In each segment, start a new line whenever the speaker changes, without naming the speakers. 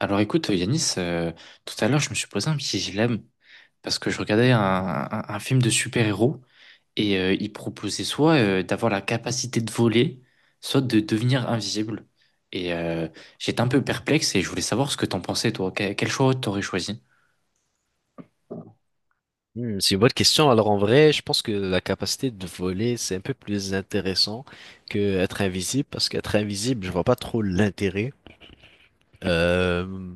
Alors écoute, Yanis, tout à l'heure, je me suis posé un petit dilemme parce que je regardais un film de super-héros et il proposait soit d'avoir la capacité de voler, soit de devenir invisible. Et euh, J'étais un peu perplexe et je voulais savoir ce que t'en pensais, toi. Quel choix t'aurais choisi?
Hmm, c'est une bonne question. Alors en vrai, je pense que la capacité de voler, c'est un peu plus intéressant que être invisible, parce qu'être invisible, je vois pas trop l'intérêt. Euh,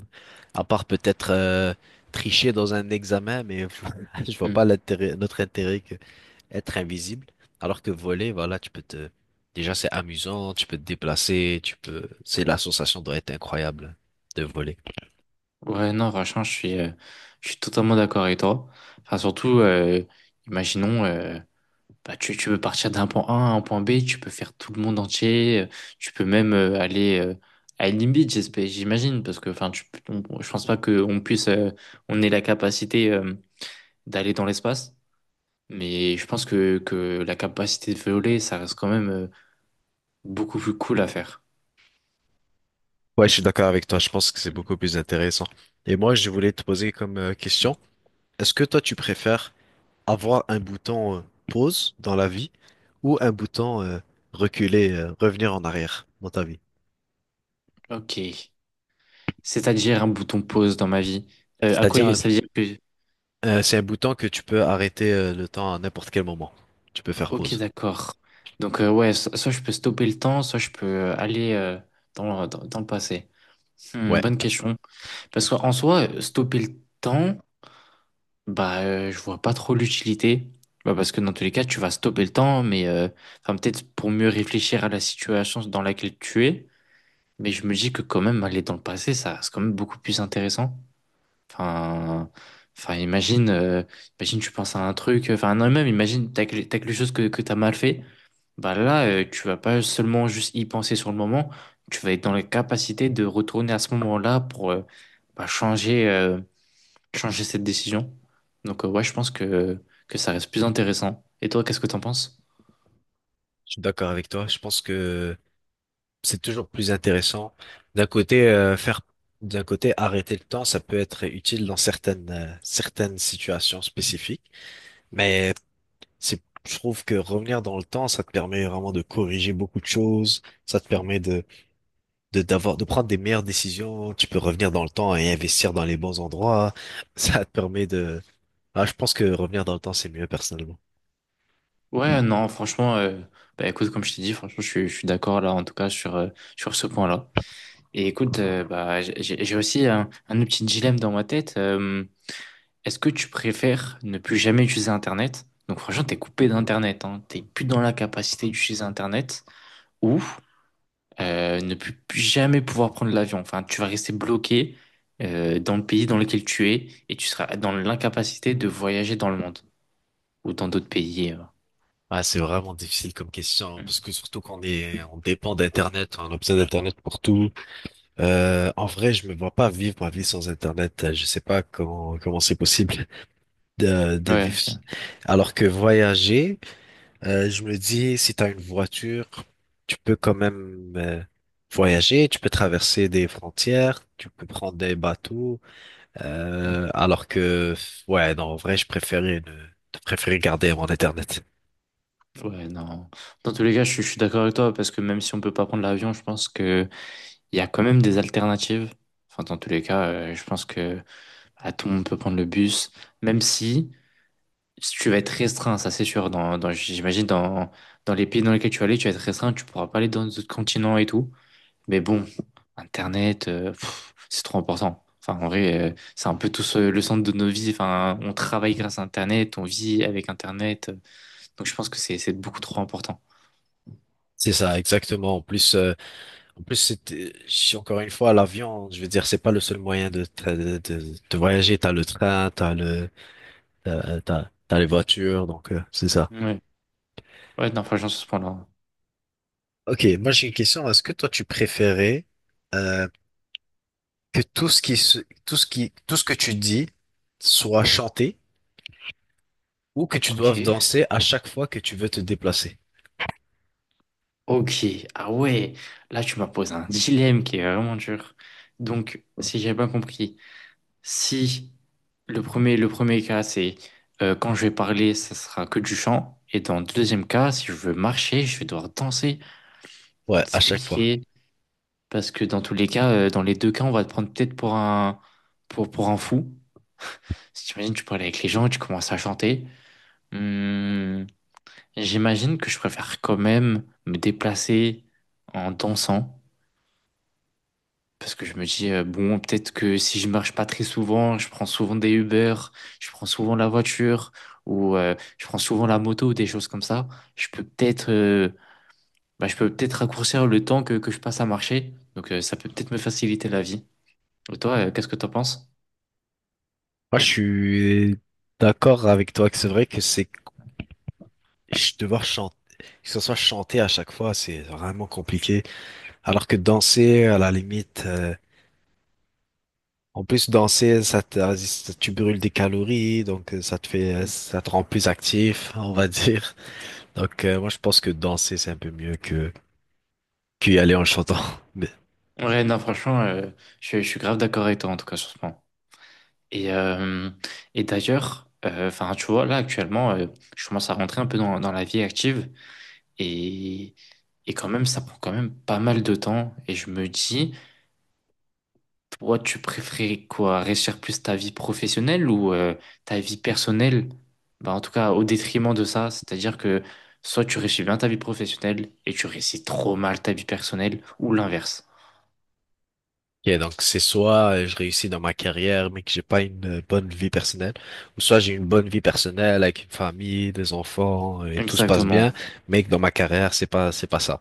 à part peut-être tricher dans un examen, mais je vois
Hmm.
pas l'intérêt, notre intérêt que être invisible. Alors que voler, voilà, tu peux te, déjà c'est amusant, tu peux te déplacer, tu peux, c'est la sensation doit être incroyable de voler.
Ouais, non, franchement, je suis totalement d'accord avec toi. Enfin, surtout, imaginons. Bah, tu peux partir d'un point A à un point B, tu peux faire tout le monde entier, tu peux même aller à une Beach, j'imagine, parce que enfin, tu, je pense pas qu'on puisse, on ait la capacité d'aller dans l'espace, mais je pense que la capacité de voler, ça reste quand même beaucoup plus cool à faire.
Ouais, je suis d'accord avec toi. Je pense que c'est beaucoup plus intéressant. Et moi, je voulais te poser comme question. Est-ce que toi, tu préfères avoir un bouton pause dans la vie ou un bouton reculer, revenir en arrière dans ta vie?
Ok, c'est-à-dire un bouton pause dans ma vie. À quoi
C'est-à-dire, un-
ça veut dire que...
c'est un bouton que tu peux arrêter le temps à n'importe quel moment. Tu peux faire
Ok,
pause.
d'accord. Donc ouais, soit je peux stopper le temps, soit je peux aller dans le passé. Hmm,
Ouais,
bonne question. Parce qu'en soi, stopper le temps, bah, je vois pas trop l'utilité. Bah, parce que dans tous les cas, tu vas stopper le temps, mais enfin, peut-être pour mieux réfléchir à la situation dans laquelle tu es. Mais je me dis que quand même, aller dans le passé, ça reste quand même beaucoup plus intéressant. Enfin, enfin, imagine, imagine, tu penses à un truc, enfin, non, même imagine, t'as quelque chose que t'as mal fait. Bah là, tu vas pas seulement juste y penser sur le moment, tu vas être dans la capacité de retourner à ce moment-là pour bah, changer cette décision. Donc ouais, je pense que ça reste plus intéressant. Et toi, qu'est-ce que t'en penses?
je suis d'accord avec toi. Je pense que c'est toujours plus intéressant. D'un côté, d'un côté, arrêter le temps, ça peut être utile dans certaines situations spécifiques. Mais C'est, je trouve que revenir dans le temps, ça te permet vraiment de corriger beaucoup de choses. Ça te
Mm.
permet d'avoir, de prendre des meilleures décisions. Tu peux revenir dans le temps et investir dans les bons endroits. Ça te permet de, ah, je pense que revenir dans le temps, c'est mieux personnellement.
Ouais, non, franchement, bah écoute, comme je t'ai dit, franchement, je suis d'accord là, en tout cas, sur ce point-là. Et écoute, bah, j'ai aussi un autre petit dilemme dans ma tête. Est-ce que tu préfères ne plus jamais utiliser Internet? Donc franchement, t'es coupé d'Internet, hein. T'es plus dans la capacité d'utiliser Internet ou ne plus jamais pouvoir prendre l'avion. Enfin, tu vas rester bloqué dans le pays dans lequel tu es et tu seras dans l'incapacité de voyager dans le monde ou dans d'autres pays.
Ah, c'est vraiment difficile comme question, parce
Mm.
que surtout qu'on est, on dépend d'Internet, on a besoin d'Internet pour tout. En vrai, je me vois pas vivre ma vie sans Internet. Je sais pas comment c'est possible de
Ouais,
vivre.
ok.
Alors que voyager, je me dis, si tu as une voiture, tu peux quand même voyager, tu peux traverser des frontières, tu peux prendre des bateaux.
Mm.
Alors que, ouais, non, en vrai, je préférais, ne, je préférais garder mon Internet.
Ouais, non. Dans tous les cas, je suis d'accord avec toi parce que même si on peut pas prendre l'avion, je pense que il y a quand même des alternatives. Enfin, dans tous les cas, je pense que à tout le monde peut prendre le bus, même si tu vas être restreint, ça c'est sûr. J'imagine dans les pays dans lesquels tu vas aller, tu vas être restreint, tu pourras pas aller dans d'autres continents et tout. Mais bon, Internet, pff, c'est trop important. Enfin, en vrai, c'est un peu tout le centre de nos vies. Enfin, on travaille grâce à Internet, on vit avec Internet. Donc je pense que c'est beaucoup trop important.
C'est ça, exactement. En plus, si encore une fois, l'avion, je veux dire, c'est pas le seul moyen de voyager. T'as le train, t'as le, t'as, t'as, t'as les voitures, donc c'est ça.
Ouais, ouais, non, franchement, sur ce point-là.
Ok, moi j'ai une question. Est-ce que toi tu préférais euh, que tout ce que tu dis soit chanté ou que tu
Ok.
doives danser à chaque fois que tu veux te déplacer.
Ok. Ah ouais, là tu m'as posé un dilemme qui est vraiment dur. Donc, si j'ai bien compris. Si le premier cas, c'est quand je vais parler, ça sera que du chant. Et dans le deuxième cas, si je veux marcher, je vais devoir danser.
Ouais,
Donc,
à
c'est
chaque fois.
compliqué parce que dans tous les cas, dans les deux cas, on va te prendre peut-être pour pour un fou. Si tu imagines, tu parles avec les gens, et tu commences à chanter. Hmm, j'imagine que je préfère quand même me déplacer en dansant. Parce que je me dis, bon, peut-être que si je marche pas très souvent, je prends souvent des Uber, je prends souvent la voiture, ou je prends souvent la moto, ou des choses comme ça, je peux peut-être bah, je peux peut-être raccourcir le temps que je passe à marcher. Donc ça peut peut-être me faciliter la vie. Et toi, qu'est-ce que t'en penses?
Moi, je suis d'accord avec toi que c'est vrai que c'est devoir chanter, que ce soit chanté à chaque fois, c'est vraiment compliqué. Alors que danser, à la limite, en plus danser, tu brûles des calories, donc ça te fait,
Mm.
ça te rend plus actif, on va dire. Donc, moi, je pense que danser, c'est un peu mieux que qu'y aller en chantant.
Ouais, non, franchement, je suis grave d'accord avec toi, en tout cas, sur ce point. Et, euh, et d'ailleurs, enfin, tu vois, là, actuellement, je commence à rentrer un peu dans la vie active. Et Et quand même, ça prend quand même pas mal de temps. Et je me dis, toi, tu préférais quoi? Réussir plus ta vie professionnelle ou ta vie personnelle? Bah, en tout cas, au détriment de ça. C'est-à-dire que soit tu réussis bien ta vie professionnelle et tu réussis trop mal ta vie personnelle ou l'inverse.
Ok, donc c'est soit je réussis dans ma carrière, mais que j'ai pas une bonne vie personnelle, ou soit j'ai une bonne vie personnelle avec une famille, des enfants, et tout se passe
Exactement.
bien, mais que dans ma carrière, c'est pas ça.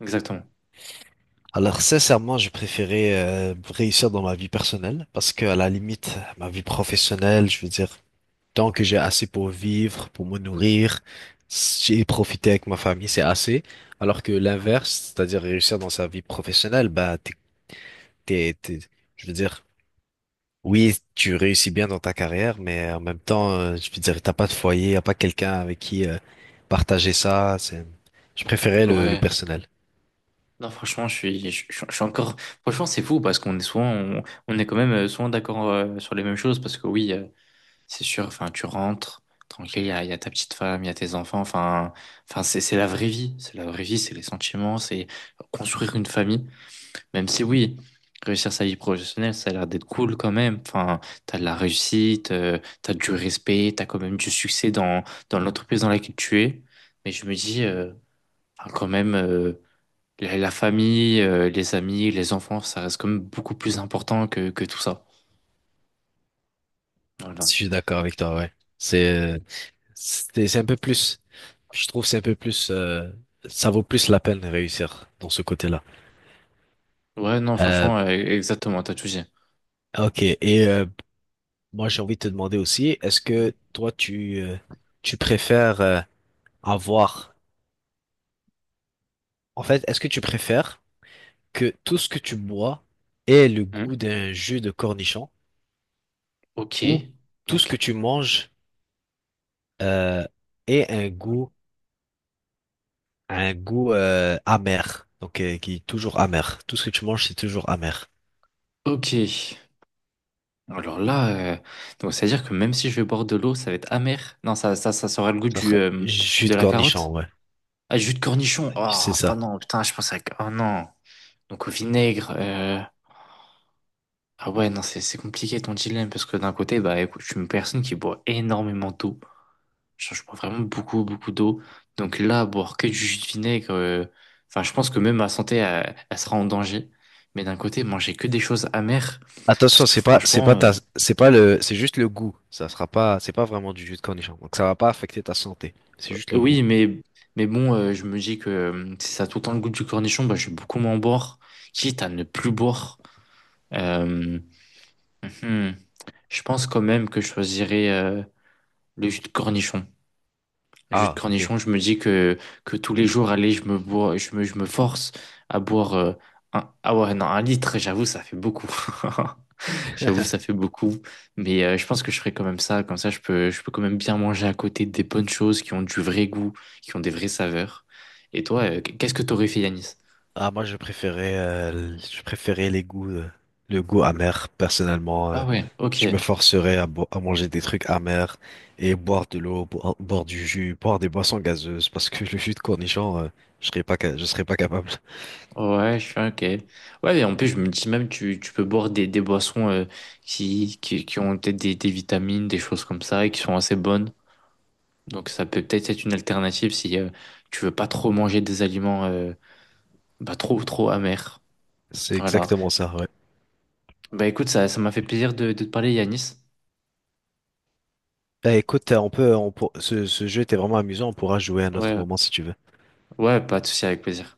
Exactement.
Alors sincèrement, je préférais réussir dans ma vie personnelle, parce que à la limite, ma vie professionnelle, je veux dire, tant que j'ai assez pour vivre, pour me nourrir, j'ai profité avec ma famille, c'est assez. Alors que l'inverse, c'est-à-dire réussir dans sa vie professionnelle, bah t'es, t'es- je veux dire. Oui, tu réussis bien dans ta carrière, mais en même temps, je veux dire, t'as pas de foyer, y a pas quelqu'un avec qui partager ça. Je préférais le
Ouais.
personnel.
Non, franchement, je suis encore. Franchement, c'est fou parce qu'on est souvent, on est quand même souvent d'accord sur les mêmes choses parce que oui. C'est sûr, enfin, tu rentres, tranquille, il y a ta petite femme, il y a tes enfants, enfin, enfin, c'est la vraie vie, c'est la vraie vie, c'est les sentiments, c'est construire une famille, même si oui, réussir sa vie professionnelle, ça a l'air d'être cool quand même, enfin, t'as de la réussite, t'as du respect, t'as quand même du succès dans l'entreprise dans laquelle tu es, mais je me dis, enfin, quand même, la famille, les amis, les enfants, ça reste quand même beaucoup plus important que tout ça. Voilà.
Si Je suis d'accord avec toi, ouais. C'est, euh, c'est un peu plus. Je trouve c'est un peu plus. Ça vaut plus la peine de réussir dans ce côté-là.
Ouais, non,
Euh,
franchement, exactement, t'as tout dit.
ok. Et moi, j'ai envie de te demander aussi, est-ce
Mhm.
que toi, tu préfères avoir. En fait, est-ce que tu préfères que tout ce que tu bois ait le goût d'un jus de cornichon
Ok,
ou tout ce que
ok,
tu manges euh, ait un un goût amer, donc qui est toujours amer. Tout ce que tu manges, c'est toujours amer.
ok. Alors là, euh, donc c'est à dire que même si je vais boire de l'eau, ça va être amer. Non, ça sera le goût du
Alors, jus
de
de
la carotte.
cornichon, ouais,
Ah, jus de cornichon.
c'est
Ah ah
ça.
non, putain, je pensais que. Oh non. Donc au vinaigre. Ah ouais, non, c'est compliqué ton dilemme parce que d'un côté, bah écoute, je suis une personne qui boit énormément d'eau. Genre, je bois vraiment beaucoup, beaucoup d'eau. Donc là, boire que du jus de vinaigre, enfin, je pense que même ma santé, elle sera en danger. Mais d'un côté, manger que des choses amères,
Attention,
parce que franchement,
c'est juste le goût. Ça sera pas, c'est pas vraiment du jus de cornichon. Donc ça va pas affecter ta santé. C'est juste le goût.
oui, mais bon, je me dis que si ça a tout le temps le goût du cornichon, bah, je vais beaucoup moins boire, quitte à ne plus boire. Euh, hum, hum. Je pense quand même que je choisirais le jus de cornichon. Le jus de
Ah, ok.
cornichon, je me dis que tous les jours, allez, je me bois, je me force à boire un, ah ouais, non, un litre, j'avoue, ça fait beaucoup. J'avoue, ça fait beaucoup. Mais je pense que je ferai quand même ça. Comme ça, je peux quand même bien manger à côté des bonnes choses qui ont du vrai goût, qui ont des vraies saveurs. Et toi, qu'est-ce que t'aurais fait, Yanis?
Ah, moi, je préférais les goûts, le goût amer, personnellement.
Ah ouais, ok.
Je me forcerais à à manger des trucs amers et boire de l'eau, boire du jus, boire des boissons gazeuses, parce que le jus de cornichon, je serais pas capable.
Ouais, je suis ok. Ouais, et en plus, je me dis même, tu peux boire des boissons qui ont peut-être des vitamines, des choses comme ça, et qui sont assez bonnes. Donc ça peut peut-être être une alternative si tu veux pas trop manger des aliments bah, trop trop amers.
C'est
Voilà.
exactement ça, ouais.
Bah écoute, ça m'a fait plaisir de te parler, Yanis.
Eh, écoute, on peut, on pour- ce jeu était vraiment amusant, on pourra jouer à un autre
Ouais,
moment si tu veux.
ouais, pas de souci, avec plaisir.